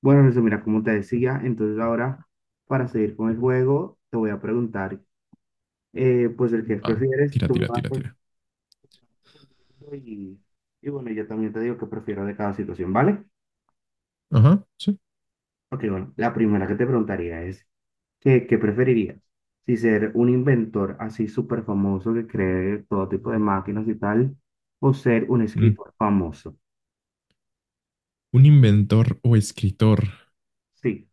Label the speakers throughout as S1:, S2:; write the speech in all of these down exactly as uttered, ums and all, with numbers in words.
S1: Bueno, Jesús, mira, como te decía, entonces ahora para seguir con el juego, te voy a preguntar, eh, pues el que
S2: Ah,
S1: prefieres,
S2: tira,
S1: tú me
S2: tira,
S1: vas
S2: tira, tira.
S1: respondiendo y, y bueno, yo también te digo que prefiero de cada situación, ¿vale?
S2: Ajá, sí.
S1: Ok, bueno, la primera que te preguntaría es, ¿qué, qué preferirías? ¿Si ser un inventor así súper famoso que cree todo tipo de máquinas y tal, o ser un
S2: Mm.
S1: escritor famoso?
S2: Un inventor o escritor.
S1: Sí.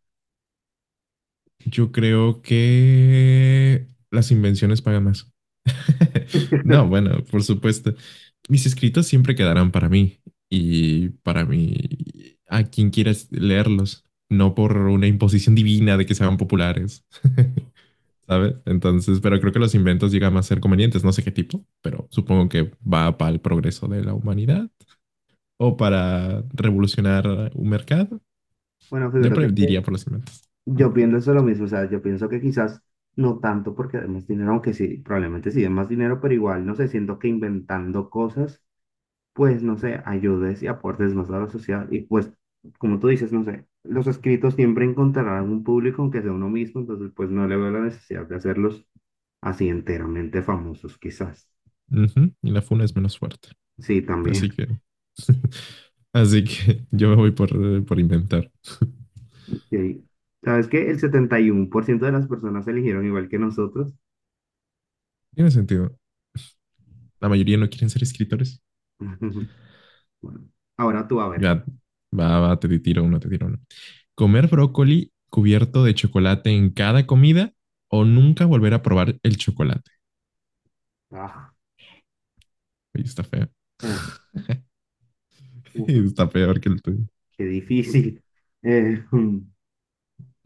S2: Yo creo que las invenciones pagan más. No, bueno, por supuesto. Mis escritos siempre quedarán para mí y para mí, a quien quieras leerlos, no por una imposición divina de que sean populares, ¿sabes? Entonces, pero creo que los inventos llegan a ser convenientes, no sé qué tipo, pero supongo que va para el progreso de la humanidad o para revolucionar un mercado.
S1: Bueno,
S2: Yo pre-
S1: fíjate.
S2: diría por los inventos.
S1: Yo pienso lo mismo, o sea, yo pienso que quizás no tanto porque den más dinero, aunque sí, probablemente sí den más dinero, pero igual, no sé, siento que inventando cosas, pues, no sé, ayudes y aportes más a la sociedad. Y pues, como tú dices, no sé, los escritos siempre encontrarán un público, aunque sea uno mismo, entonces, pues, no le veo la necesidad de hacerlos así enteramente famosos, quizás.
S2: Ujú, Y la funa es menos fuerte.
S1: Sí, también.
S2: Así que, así que yo me voy por, eh, por inventar.
S1: Sí. ¿Sabes qué? El setenta y uno por ciento de las personas eligieron igual que nosotros.
S2: Tiene sentido. La mayoría no quieren ser escritores.
S1: Bueno, ahora tú a ver.
S2: Ya, va, va, te tiro uno, te tiro uno. Comer brócoli cubierto de chocolate en cada comida o nunca volver a probar el chocolate.
S1: Ah.
S2: Oye, está feo.
S1: Uf,
S2: Está peor que el tuyo.
S1: qué difícil. Eh,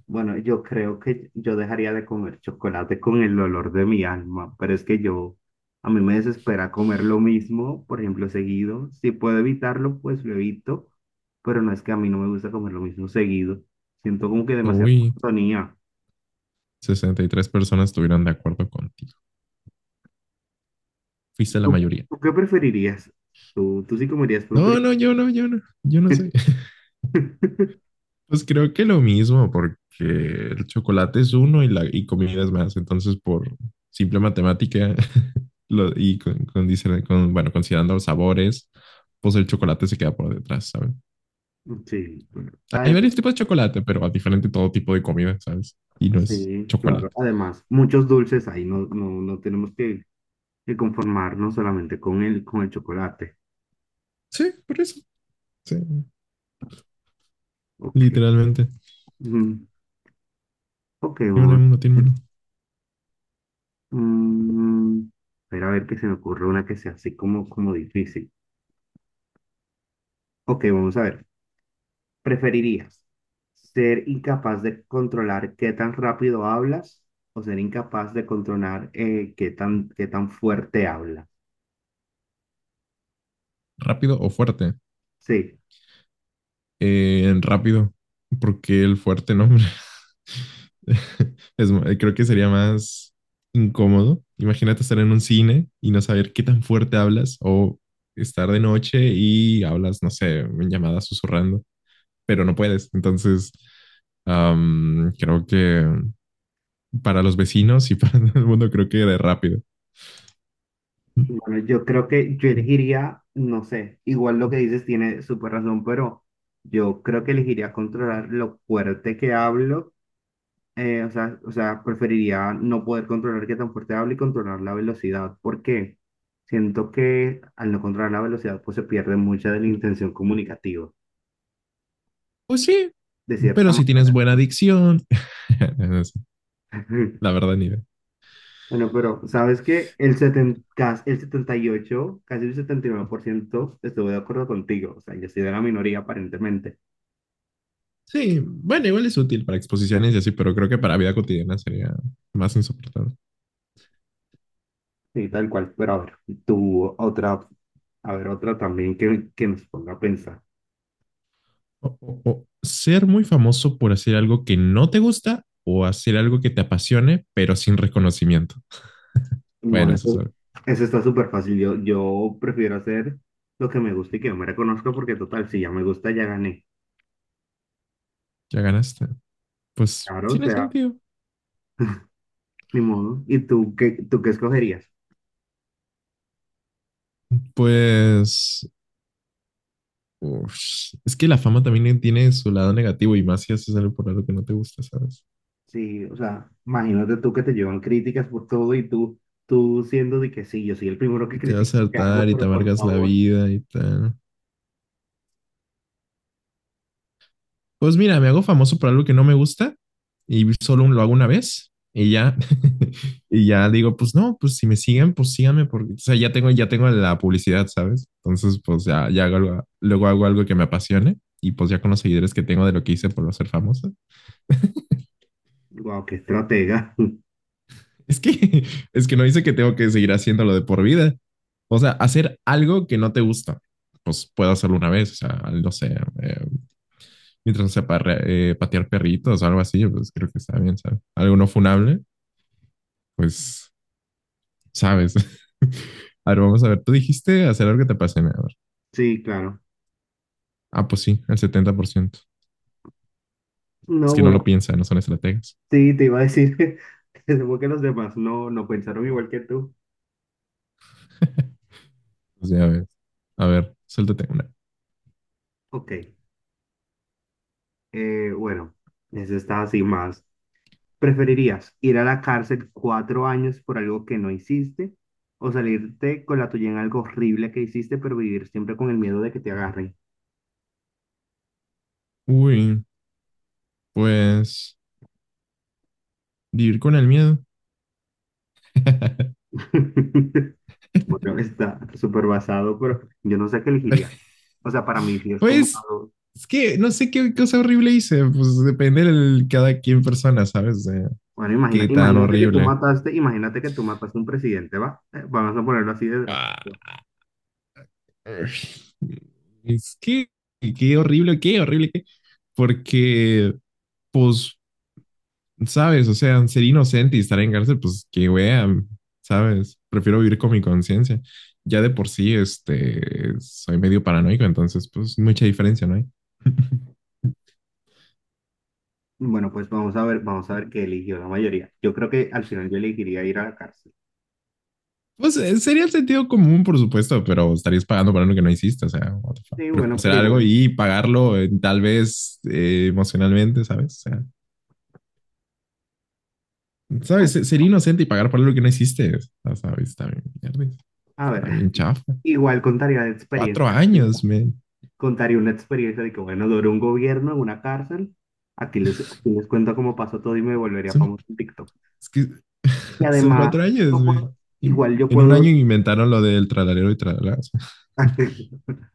S1: bueno, yo creo que yo dejaría de comer chocolate con el olor de mi alma, pero es que yo, a mí me desespera comer lo mismo, por ejemplo, seguido. Si puedo evitarlo, pues lo evito, pero no es que a mí no me gusta comer lo mismo seguido. Siento como que demasiada
S2: Uy,
S1: monotonía.
S2: sesenta y tres personas estuvieron de acuerdo contigo. fuiste la
S1: ¿Tú,
S2: mayoría.
S1: tú qué preferirías? ¿Tú, tú sí comerías brócoli?
S2: No, no, yo no, yo no, yo no sé. Pues creo que lo mismo, porque el chocolate es uno y, la, y comida es más. Entonces, por simple matemática lo, y con, con, con, bueno, considerando los sabores, pues el chocolate se queda por detrás, ¿sabes?
S1: Sí, bueno,
S2: Hay
S1: además,
S2: varios tipos de chocolate, pero a diferente todo tipo de comida, ¿sabes? Y no es
S1: sí, claro.
S2: chocolate.
S1: Además, muchos dulces ahí, no, no, no tenemos que y conformarnos solamente con el, con el chocolate.
S2: Sí, por eso. Sí,
S1: Ok.
S2: literalmente.
S1: Mm, ok.
S2: Tiene
S1: Vamos
S2: uno,
S1: a ver.
S2: tiene
S1: Mm, espera a ver que se me ocurre una que sea así como, como difícil. Ok, vamos a ver. ¿Preferirías ser incapaz de controlar qué tan rápido hablas o ser incapaz de controlar eh, qué tan, qué tan fuerte hablas?
S2: Rápido o fuerte.
S1: Sí.
S2: Eh, rápido, porque el fuerte, no, hombre. Es mu- eh, creo que sería más incómodo. Imagínate estar en un cine y no saber qué tan fuerte hablas o estar de noche y hablas, no sé, en llamada susurrando, pero no puedes. Entonces, am, creo que para los vecinos y para todo el mundo creo que de rápido.
S1: Bueno, yo creo que yo elegiría, no sé, igual lo que dices tiene súper razón, pero yo creo que elegiría controlar lo fuerte que hablo, eh, o sea, o sea, preferiría no poder controlar qué tan fuerte hablo y controlar la velocidad, porque siento que al no controlar la velocidad, pues se pierde mucha de la intención comunicativa,
S2: Pues sí,
S1: de cierta
S2: pero si tienes
S1: manera.
S2: buena dicción, no sé, la verdad ni idea.
S1: Bueno, pero ¿sabes qué? El 70, cas- el setenta y ocho, casi el setenta y nueve por ciento estuve de acuerdo contigo, o sea, yo soy de la minoría aparentemente.
S2: Sí, bueno, igual es útil para exposiciones y así, pero creo que para vida cotidiana sería más insoportable.
S1: Sí, tal cual. Pero a ver, tú otra, a ver, otra también que, que nos ponga a pensar.
S2: O- o- o ser muy famoso por hacer algo que no te gusta o hacer algo que te apasione, pero sin reconocimiento. Bueno,
S1: Bueno,
S2: eso es
S1: eso,
S2: algo.
S1: eso está súper fácil. Yo, yo prefiero hacer lo que me gusta y que yo me reconozca porque total, si ya me gusta, ya gané.
S2: Ya ganaste. Pues
S1: Claro, o
S2: tiene
S1: sea,
S2: sentido.
S1: ni modo. ¿Y tú qué, tú qué escogerías?
S2: Pues uf, es que la fama también tiene su lado negativo y más si haces algo por algo que no te gusta, ¿sabes?
S1: Sí, o sea, imagínate tú que te llevan críticas por todo y tú, tú siendo de que sí, yo soy el primero que
S2: Y te vas a
S1: critico, ¿qué hago?
S2: hartar y te
S1: Pero por
S2: amargas la
S1: favor,
S2: vida y tal. Pues mira, me hago famoso por algo que no me gusta y solo lo hago una vez y ya, y ya digo, pues no, pues si me siguen, pues síganme porque, o sea, ya tengo, ya tengo la publicidad, ¿sabes? Entonces, pues ya, ya hago algo- luego hago algo que me apasione y pues ya con los seguidores que tengo de lo que hice por ser famoso.
S1: wow, qué estratega.
S2: Es que, es que no dice que tengo que seguir haciéndolo de por vida. O sea, hacer algo que no te gusta, pues puedo hacerlo una vez, o sea, no sé, eh, mientras no sea para, patear perritos o algo así, pues creo que está bien, ¿sabes? Algo no funable pues sabes. A ver, vamos a ver. Tú dijiste hacer algo que te apasione. A ver.
S1: Sí, claro.
S2: Ah, pues sí, el setenta por ciento. Es
S1: No,
S2: que no lo
S1: bueno.
S2: piensan. no son estrategas.
S1: Sí, te iba a decir, supongo que los demás no, no pensaron igual que tú.
S2: pues ya ves. A ver, suéltate una.
S1: Ok, eh, bueno, eso está así más. ¿Preferirías ir a la cárcel cuatro años por algo que no hiciste o salirte con la tuya en algo horrible que hiciste, pero vivir siempre con el miedo de que te agarren?
S2: Uy, pues vivir con el miedo.
S1: Bueno, está súper basado, pero yo no sé qué elegiría. O sea, para mí sí es como...
S2: pues
S1: algo-
S2: es que no sé qué cosa horrible hice. Pues depende de cada quien persona, ¿sabes? De
S1: Bueno, imagina,
S2: qué tan
S1: imagínate que tú
S2: horrible.
S1: mataste, imagínate que tú mataste a un presidente, ¿va? Eh, Vamos a ponerlo así de
S2: Ah,
S1: drástico.
S2: es que qué horrible, qué horrible, qué. Porque, pues ¿Sabes? O sea, ser inocente y estar en cárcel, pues qué wea, ¿sabes? Prefiero vivir con mi conciencia. Ya de por sí, este, soy medio paranoico, entonces, pues mucha diferencia, ¿no hay?
S1: Bueno, pues vamos a ver, vamos a ver qué eligió la mayoría. Yo creo que al final yo elegiría ir a la cárcel.
S2: Pues eh, sería el sentido común, por supuesto, pero estarías pagando por algo que no hiciste, o sea, what the fuck.
S1: Sí,
S2: Prefiero
S1: bueno,
S2: hacer
S1: pero
S2: algo
S1: igual.
S2: y pagarlo eh, tal vez eh, emocionalmente, ¿sabes? O sea, ¿sabes?
S1: Bueno,
S2: Se- Ser inocente y pagar por algo que no hiciste, o sea, ¿sabes? Está bien, mierda,
S1: a ver,
S2: está bien chafa.
S1: igual contaría de
S2: Cuatro
S1: experiencia, sí,
S2: años, man.
S1: contaría una experiencia de que, bueno, duró un gobierno en una cárcel. Aquí les, aquí les cuento cómo pasó todo y me volvería
S2: Es, un-
S1: famoso en TikTok.
S2: es que
S1: Y
S2: Son cuatro
S1: además,
S2: años,
S1: yo
S2: güey.
S1: puedo-
S2: Y
S1: igual yo
S2: en un año
S1: puedo,
S2: inventaron lo del tralalero y tralalero.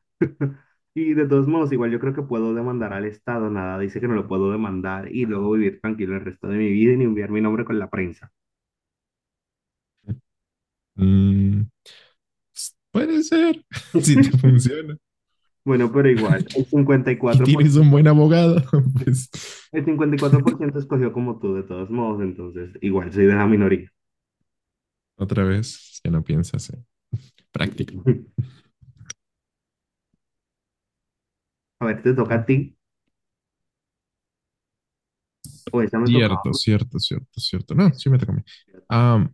S1: y de todos modos, igual yo creo que puedo demandar al Estado, nada, dice que no lo puedo demandar y luego vivir tranquilo el resto de mi vida y ni enviar mi nombre con la prensa.
S2: puede ser, si te funciona.
S1: Bueno, pero igual, el
S2: Y tienes un buen
S1: 54%,
S2: abogado, pues
S1: el cincuenta y cuatro por ciento escogió como tú, de todos modos, entonces igual soy de la minoría.
S2: otra vez, ya no piensas en práctica.
S1: A ver, ¿te toca a ti? O esa me tocaba.
S2: Cierto, cierto, cierto, cierto. No, sí me toca a mí.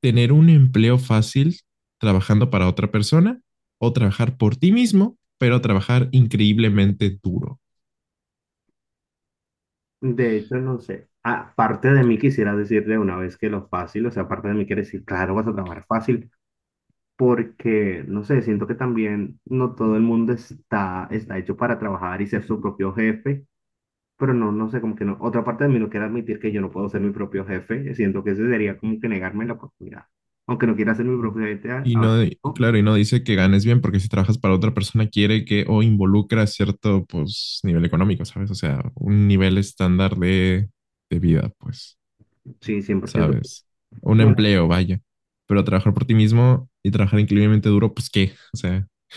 S2: tener un empleo fácil trabajando para otra persona o trabajar por ti mismo, pero trabajar increíblemente duro.
S1: De hecho, no sé. Aparte de mí, quisiera decir de una vez que lo fácil, o sea, aparte de mí, quiere decir, claro, vas a trabajar fácil, porque, no sé, siento que también no todo el mundo está, está hecho para trabajar y ser su propio jefe. Pero no, no sé, como que no. Otra parte de mí no quiere admitir que yo no puedo ser mi propio jefe. Siento que eso sería como que negarme la oportunidad. Aunque no quiera ser mi propio jefe, a-
S2: Y
S1: ahora
S2: no, y
S1: mismo,
S2: claro, y no dice que ganes bien porque si trabajas para otra persona quiere que o involucra cierto pues nivel económico, ¿sabes? O sea, un nivel estándar de, de vida, pues,
S1: sí, cien por ciento.
S2: ¿sabes? Un
S1: Bueno,
S2: empleo, vaya. Pero trabajar por ti mismo y trabajar increíblemente duro, pues qué, o sea,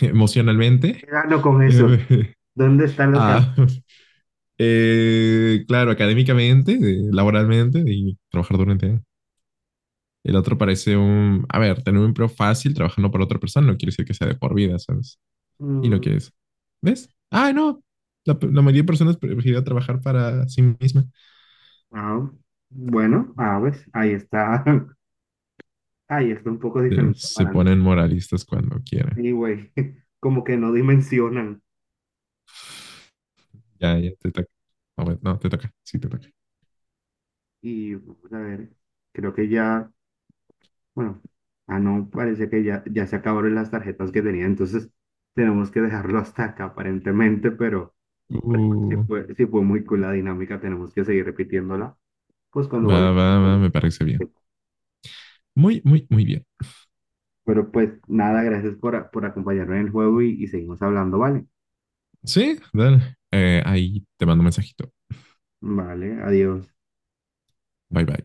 S1: ¿qué
S2: emocionalmente,
S1: gano con eso?
S2: eh,
S1: ¿Dónde están las
S2: ah,
S1: ganancias?
S2: Eh, claro, académicamente, eh, laboralmente y trabajar durante años. El otro parece un, a ver, tener un empleo fácil trabajando para otra persona no quiere decir que sea de por vida, ¿sabes? Y no
S1: Mm,
S2: quieres. ¿Ves? Ah, no. La, la mayoría de personas prefieren trabajar para sí misma.
S1: ah, bueno, ah, ves, ahí está. Ahí está un poco
S2: Eh,
S1: diferente.
S2: Se
S1: Para antes.
S2: ponen moralistas cuando quieren.
S1: Anyway, como que no dimensionan.
S2: Ya, ya te toca. No, bueno, no, te toca. Sí, te toca.
S1: Y, vamos a ver, creo que ya. Bueno, ah, no, parece que ya, ya se acabaron las tarjetas que tenía, entonces tenemos que dejarlo hasta acá aparentemente, pero pues, si
S2: Uh,
S1: fue, si fue muy cool la dinámica, tenemos que seguir repitiéndola, pues cuando
S2: Va,
S1: vuelva.
S2: va, va, me parece bien. Muy, muy, muy bien.
S1: Pero pues nada, gracias por, por acompañarme en el juego y, y seguimos hablando, ¿vale?
S2: Sí, dale. Eh, ahí te mando un mensajito.
S1: Vale, adiós.
S2: Bye, bye.